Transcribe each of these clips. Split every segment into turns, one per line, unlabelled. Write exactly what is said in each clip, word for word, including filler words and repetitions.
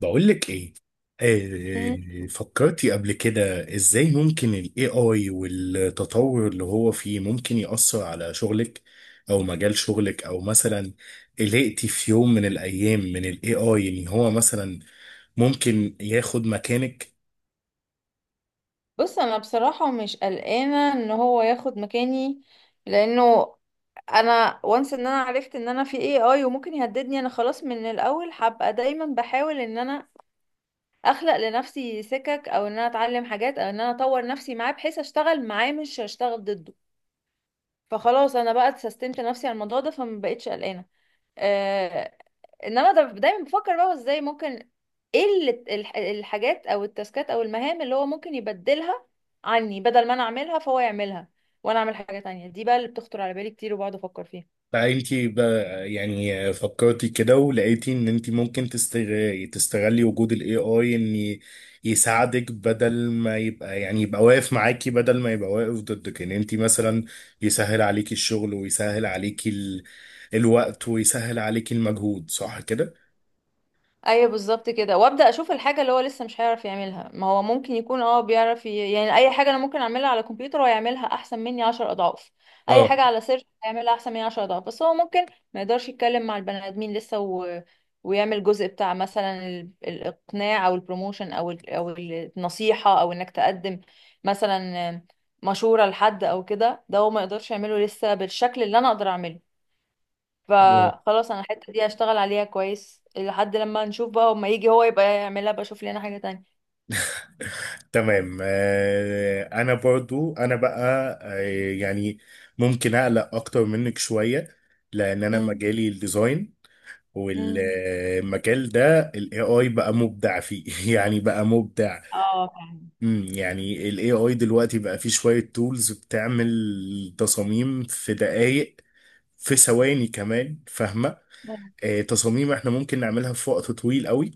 بقول لك ايه.
مم.
آه، فكرتي قبل كده ازاي ممكن ال ايه آي والتطور اللي هو فيه ممكن يأثر على شغلك او مجال شغلك او مثلا قلقتي في يوم من الايام من ال ايه آي ان هو مثلا ممكن ياخد مكانك.
بص، انا بصراحة مش قلقانة ان هو ياخد مكاني، لانه انا وانس ان انا عرفت ان انا في اي اي وممكن يهددني، انا خلاص من الاول هبقى دايما بحاول ان انا اخلق لنفسي سكك او ان انا اتعلم حاجات او ان انا اطور نفسي معاه، بحيث اشتغل معاه مش اشتغل ضده. فخلاص انا بقى سستمت نفسي على الموضوع ده، فما بقتش قلقانة. آه، انما ده دايما بفكر بقى هو ازاي ممكن. ايه اللي- الح- الحاجات او التاسكات او المهام اللي هو ممكن يبدلها عني، بدل ما انا اعملها فهو يعملها وانا اعمل حاجة تانية. دي بقى اللي بتخطر على بالي كتير وبقعد افكر فيها.
عائلتي بقى يعني فكرتي كده ولقيتي ان انت ممكن تستغ- تستغلي وجود الاي اي ان يساعدك بدل ما يبقى يعني يبقى واقف معاكي بدل ما يبقى واقف ضدك، ان انت مثلا يسهل عليكي الشغل ويسهل عليكي ال... الوقت ويسهل عليكي المجهود، صح كده؟
ايوه بالظبط كده، وابدا اشوف الحاجه اللي هو لسه مش هيعرف يعملها. ما هو ممكن يكون اه بيعرف ي... يعني اي حاجه انا ممكن اعملها على الكمبيوتر، هو يعملها احسن مني عشر اضعاف. اي
اه.
حاجه على سيرش هيعملها احسن مني عشر اضعاف، بس هو ممكن ما يقدرش يتكلم مع البني ادمين لسه، و... ويعمل جزء بتاع مثلا ال... الاقناع او البروموشن او ال... او النصيحه، او انك تقدم مثلا مشوره لحد او كده. ده هو ما يقدرش يعمله لسه بالشكل اللي انا اقدر اعمله.
آه،
فخلاص انا الحته دي هشتغل عليها كويس لحد لما نشوف، بقى اما يجي هو يبقى يعملها، بقى اشوف لنا حاجه تانية.
تمام. آه، انا برضو انا بقى، آه، يعني ممكن اقلق اكتر منك شوية لان انا
امم.
مجالي الديزاين،
امم.
والمجال ده الاي اي بقى مبدع فيه يعني بقى مبدع.
اه فعلا.
امم يعني الاي اي دلوقتي بقى فيه شوية تولز بتعمل تصاميم في دقايق، في ثواني كمان، فاهمة؟ آه، تصاميم احنا ممكن نعملها في وقت طويل قوي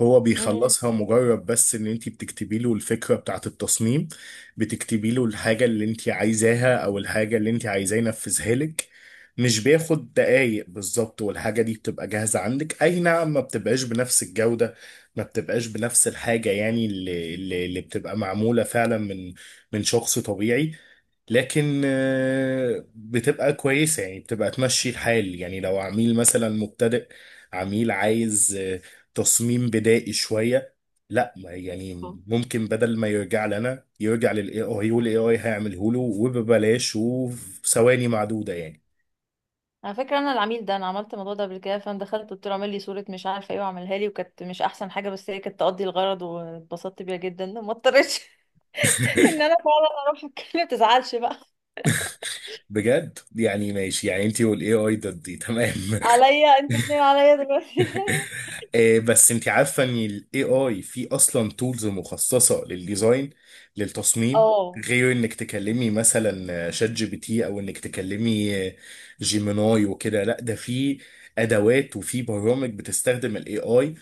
هو
امم.
بيخلصها، مجرد بس ان انت بتكتبي له الفكرة بتاعة التصميم، بتكتبي له الحاجة اللي انت عايزاها او الحاجة اللي انت عايزاه ينفذها لك، مش بياخد دقايق بالظبط والحاجة دي بتبقى جاهزة عندك. اي نعم، ما بتبقاش بنفس الجودة، ما بتبقاش بنفس الحاجة يعني اللي, اللي اللي بتبقى معمولة فعلا من من شخص طبيعي، لكن آه، بتبقى كويسة، يعني بتبقى تمشي الحال. يعني لو عميل مثلا مبتدئ، عميل عايز آه، تصميم بدائي شوية، لا ما- يعني ممكن بدل ما يرجع لنا يرجع للاي اي، والاي اي هيعمله له وببلاش وفي ثواني معدودة يعني.
على فكره انا العميل ده، انا عملت الموضوع ده قبل كده، فانا دخلت قلت له اعمل لي صوره مش عارفه ايه، وعملها لي وكانت مش احسن حاجه، بس هي كانت تقضي الغرض واتبسطت بيها جدا، ما اضطرتش ان انا فعلا اروح اتكلم. تزعلش بقى،
بجد؟ يعني ماشي، يعني انتي والاي اي ضدي، تمام.
عليا انتوا الاثنين عليا دلوقتي.
آه، بس انت عارفه ان الاي اي في اصلا تولز مخصصه للديزاين، للتصميم،
اه.
غير انك تكلمي مثلا شات جي بي تي او انك تكلمي آه، جيميناي وكده. لا، ده في ادوات وفي برامج بتستخدم الاي اي،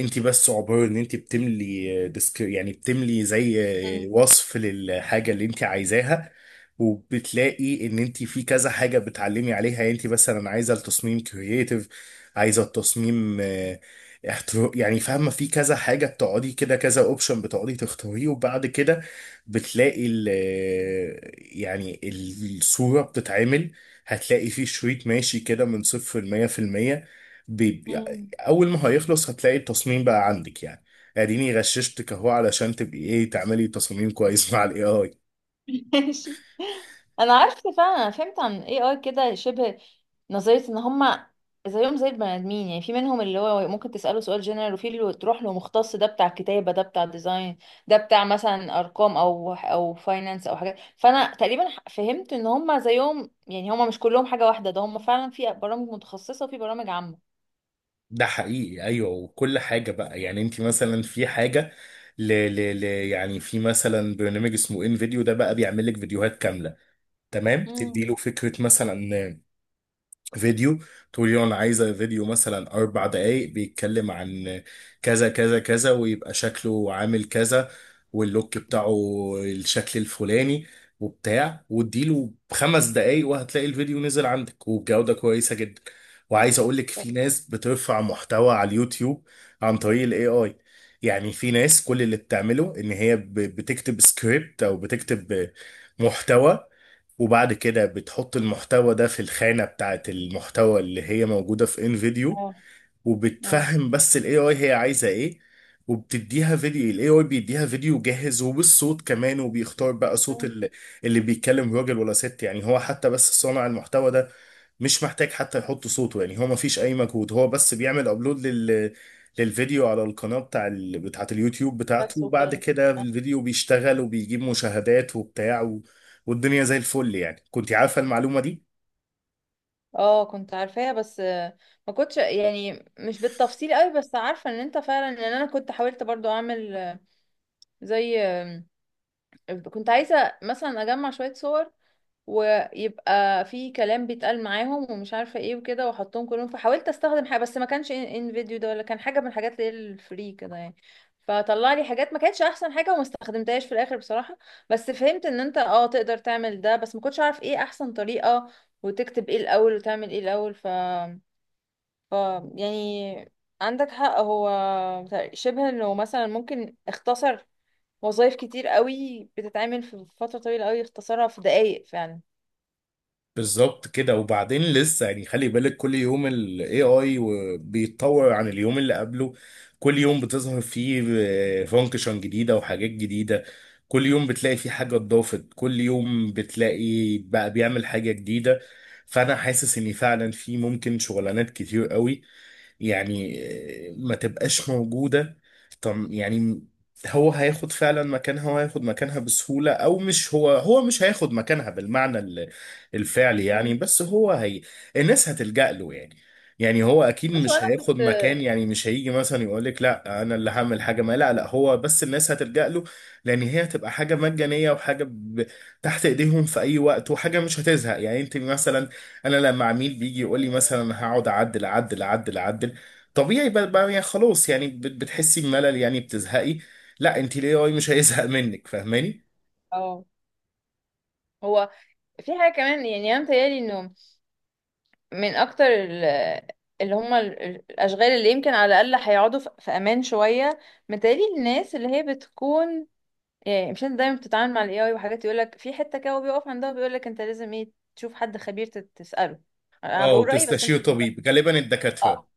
انت بس عبارة ان انت بتملي ديسك، يعني بتملي زي
امم.
وصف للحاجة اللي انت عايزاها، وبتلاقي ان انت في كذا حاجة بتعلمي عليها. يعني انت مثلا عايزة التصميم كرييتيف، عايزة التصميم اه، احتر- يعني فاهمة؟ في كذا حاجة بتقعدي كده، كذا اوبشن بتقعدي تختاريه، وبعد كده بتلاقي ال يعني الصورة بتتعمل، هتلاقي في شريط ماشي كده من صفر لمية في المية.
امم.
اول ما هيخلص هتلاقي التصميم بقى عندك، يعني اديني غششتك اهو علشان تبقي ايه، تعملي تصميم كويس مع الاي اي.
ماشي. انا عارفه فعلا، انا فهمت عن ايه اي كده شبه نظريه. ان هما زيهم زي البني ادمين، يعني في منهم اللي هو ممكن تساله سؤال جنرال، وفي اللي تروح له مختص، ده بتاع كتابه، ده بتاع ديزاين، ده بتاع مثلا ارقام او او فاينانس او حاجات. فانا تقريبا ح- فهمت ان هما زيهم، يعني هما مش كلهم حاجه واحده، ده هما فعلا في برامج متخصصه وفي برامج عامه.
ده حقيقي، ايوه. وكل حاجه بقى يعني، انت مثلا في حاجه ل ل ل يعني في مثلا برنامج اسمه ان فيديو، ده بقى بيعمل لك فيديوهات كامله. تمام، تدي
امم.
له فكره مثلا فيديو، تقول لي انا عايزه فيديو مثلا اربع دقائق بيتكلم عن كذا كذا كذا، ويبقى شكله عامل كذا، واللوك بتاعه الشكل الفلاني وبتاع، واديله خمس دقائق وهتلاقي الفيديو نزل عندك وبجوده كويسه جدا. وعايز اقول لك في ناس بترفع محتوى على اليوتيوب عن طريق الاي اي، يعني في ناس كل اللي بتعمله ان هي ب- بتكتب سكريبت او بتكتب محتوى، وبعد كده بتحط المحتوى ده في الخانة بتاعت المحتوى اللي هي موجودة في انفيديو،
اه. اه.
وبتفهم بس الاي اي هي عايزه ايه، وبتديها فيديو. الاي اي بيديها فيديو جاهز وبالصوت كمان، وبيختار بقى صوت
مم.
اللي, اللي بيتكلم راجل ولا ست. يعني هو حتى بس صانع المحتوى ده مش محتاج حتى يحط صوته، يعني هو ما فيش اي مجهود، هو بس بيعمل ابلود لل للفيديو على القناة بتاع ال... بتاعت اليوتيوب بتاعته،
بس
وبعد
وكده.
كده الفيديو بيشتغل وبيجيب مشاهدات وبتاع و... والدنيا زي الفل، يعني كنت عارفة المعلومة دي؟
اه، كنت عارفاها، بس آه، ما كنتش يعني مش بالتفصيل قوي، بس عارفه ان انت فعلا. ان انا كنت حاولت برضو اعمل، آه، زي آه، كنت عايزه مثلا اجمع شويه صور ويبقى في كلام بيتقال معاهم ومش عارفه ايه وكده، واحطهم كلهم، فحاولت استخدم حاجه بس ما كانش ان إن فيديو ده، ولا كان حاجه من الحاجات اللي هي الفري كده يعني. فطلع لي حاجات ما كانتش احسن حاجه، وما استخدمتهاش في الاخر بصراحه. بس فهمت ان انت اه تقدر تعمل ده، بس ما كنتش عارف ايه احسن طريقه، وتكتب ايه الاول وتعمل ايه الاول. ف ف يعني عندك حق. هو شبه انه مثلا ممكن اختصر وظائف كتير قوي بتتعمل في فترة طويلة قوي، اختصرها في دقايق فعلا.
بالظبط كده. وبعدين لسه يعني خلي بالك كل يوم ال ايه آي و- بيتطور عن اليوم اللي قبله، كل يوم بتظهر فيه فانكشن جديدة وحاجات جديدة، كل يوم بتلاقي فيه حاجة اتضافت، كل يوم بتلاقي بقى بيعمل حاجة جديدة. فأنا حاسس إن فعلا في ممكن شغلانات كتير قوي يعني آه، ما تبقاش موجودة. طب يعني هو هياخد فعلا مكانها وهياخد مكانها بسهولة؟ أو مش هو هو مش هياخد مكانها بالمعنى الفعلي يعني،
مم.
بس هو هي الناس هتلجأ له يعني. يعني هو اكيد
بس
مش
وانا
هياخد
كنت
مكان، يعني مش هيجي مثلا يقول لك لا انا اللي هعمل حاجه ما، لا لا هو بس الناس هتلجأ له، لان هي هتبقى حاجه مجانيه وحاجه ب... تحت ايديهم في اي وقت، وحاجه مش هتزهق. يعني انت مثلا، انا لما عميل بيجي يقول لي مثلا هقعد اعدل اعدل اعدل اعدل، طبيعي بقى بقى يعني خلاص يعني بت- بتحسي بملل يعني بتزهقي. لا، انت الاي اي مش هيزهق منك، فاهماني؟
اه هو في حاجة كمان، يعني انا متهيألي انه من اكتر ال- اللي هم الاشغال اللي يمكن على الاقل هيقعدوا في في امان شوية، متهيألي الناس اللي هي بتكون. يعني مش انت دايما بتتعامل مع الاي اي وحاجات يقولك في حتة كده وبيقف عندها، بيقولك انت لازم ايه تشوف حد خبير تت- تسأله. انا
اه
بقول رأيي بس
وتستشير
انت انت-
طبيب، غالبا الدكاتره.
اه.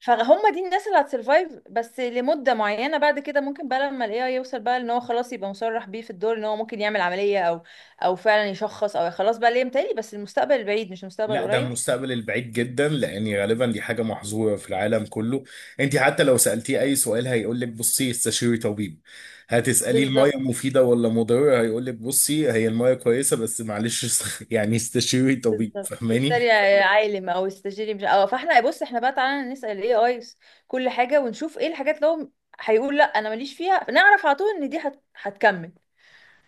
فهم، دي الناس اللي هتسرفايف بس لمدة معينة. بعد كده ممكن بقى لما الاي اي يوصل بقى، ان هو خلاص يبقى مصرح بيه في الدور، ان هو ممكن يعمل عملية او او فعلا يشخص او خلاص بقى ليه. متهيألي بس المستقبل البعيد مش المستقبل
لا ده
القريب.
المستقبل البعيد جدا، لان غالبا دي حاجه محظوره في العالم كله. انت حتى لو سالتيه اي سؤال هيقول لك بصي استشيري طبيب، هتساليه الميه
بالظبط.
مفيده ولا مضره هيقول لك بصي هي الميه كويسه بس معلش است- يعني استشيري طبيب،
بالظبط
فاهماني؟
اشتري يا عالم او استشيري. مش اه فاحنا بص، احنا بقى تعالى نسأل الاي اي كل حاجه، ونشوف ايه الحاجات اللي هو هيقول لا انا ماليش فيها، نعرف على طول ان دي هت... هتكمل.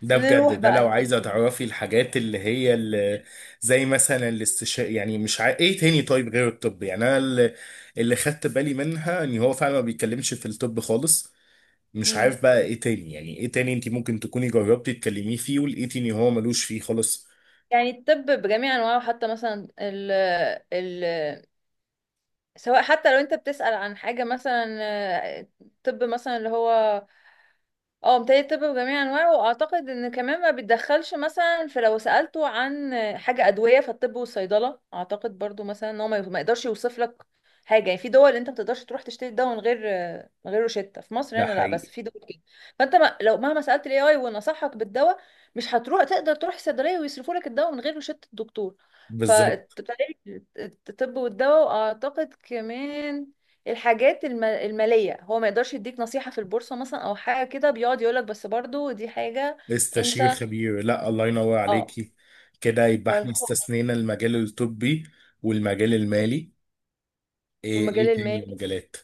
ده بجد
نروح
ده،
بقى
لو عايزه
نتكلم.
تعرفي الحاجات اللي هي اللي زي مثلا الاستشاء، يعني مش ع... ايه تاني طيب غير الطب؟ يعني انا اللي, اللي خدت بالي منها ان هو فعلا ما بيتكلمش في الطب خالص. مش
امم.
عارف بقى ايه تاني، يعني ايه تاني انت ممكن تكوني جربتي تكلميه فيه ولقيتي ان هو ملوش فيه خالص؟
يعني الطب بجميع انواعه، حتى مثلا ال... ال... سواء حتى لو انت بتسأل عن حاجة مثلا، آه، طب مثلا اللي هو، اه متهيألي الطب بجميع انواعه، واعتقد ان كمان ما بيتدخلش مثلا. في لو سألته عن حاجة ادوية، فالطب والصيدلة اعتقد برضو مثلا ان هو ما ما يقدرش يوصف لك حاجة. يعني في دول انت ما تقدرش تروح تشتري الدواء من غير من غير روشتة. في مصر
ده
هنا لا، بس
حقيقي.
في دول كده. فانت ما لو مهما سألت الاي اي ونصحك بالدواء، مش هتروح تقدر تروح الصيدلية ويصرفوا لك الدواء من غير روشتة الدكتور. ف
بالظبط.
الطب والدواء، واعتقد كمان الحاجات الم- المالية، هو ما يقدرش يديك نصيحة في البورصة مثلا او حاجة كده، بيقعد يقولك. بس برضو دي حاجة.
استشير
انت
خبير، لا الله ينور
اه
عليكي. كده يبقى احنا
فالخوف،
استثنينا المجال الطبي والمجال المالي. ايه
والمجال
ايه تاني
المالي.
المجالات؟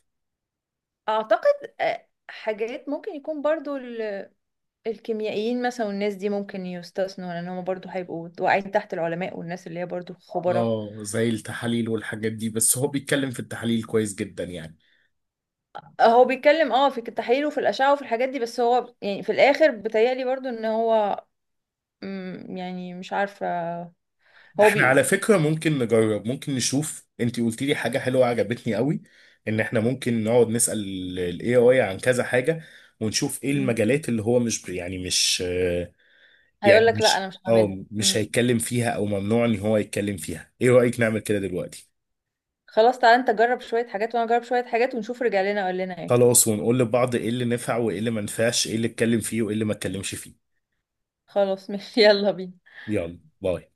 اعتقد آه، حاجات ممكن يكون برضو ال- الكيميائيين مثلا والناس دي ممكن يستثنوا، لان هم برضو هيبقوا واقعين تحت العلماء والناس اللي هي برضو خبراء.
اه زي التحاليل والحاجات دي، بس هو بيتكلم في التحاليل كويس جدا يعني.
هو بيتكلم اه في التحاليل وفي الاشعة وفي الحاجات دي، بس هو يعني في الاخر بيتهيألي برضو ان هو، مم، يعني مش عارفة. هو
احنا على
بي
فكرة ممكن نجرب، ممكن نشوف، انتي قلتي لي حاجة حلوة عجبتني قوي، ان احنا ممكن نقعد نسأل ال ايه آي عن كذا حاجة، ونشوف ايه
مم.
المجالات اللي هو مش، يعني مش
هيقول
يعني
لك لا انا
مش
مش هعملها.
اه مش
مم.
هيتكلم فيها او ممنوع ان هو يتكلم فيها. ايه رأيك نعمل كده دلوقتي؟
خلاص، تعالى انت جرب شوية حاجات وانا اجرب شوية حاجات، ونشوف رجع لنا قال لنا ايه.
خلاص. ونقول لبعض ايه اللي نفع وايه اللي ما نفعش، ايه اللي اتكلم فيه وايه اللي ما اتكلمش فيه.
خلاص ماشي. يلا بينا.
يلا، باي.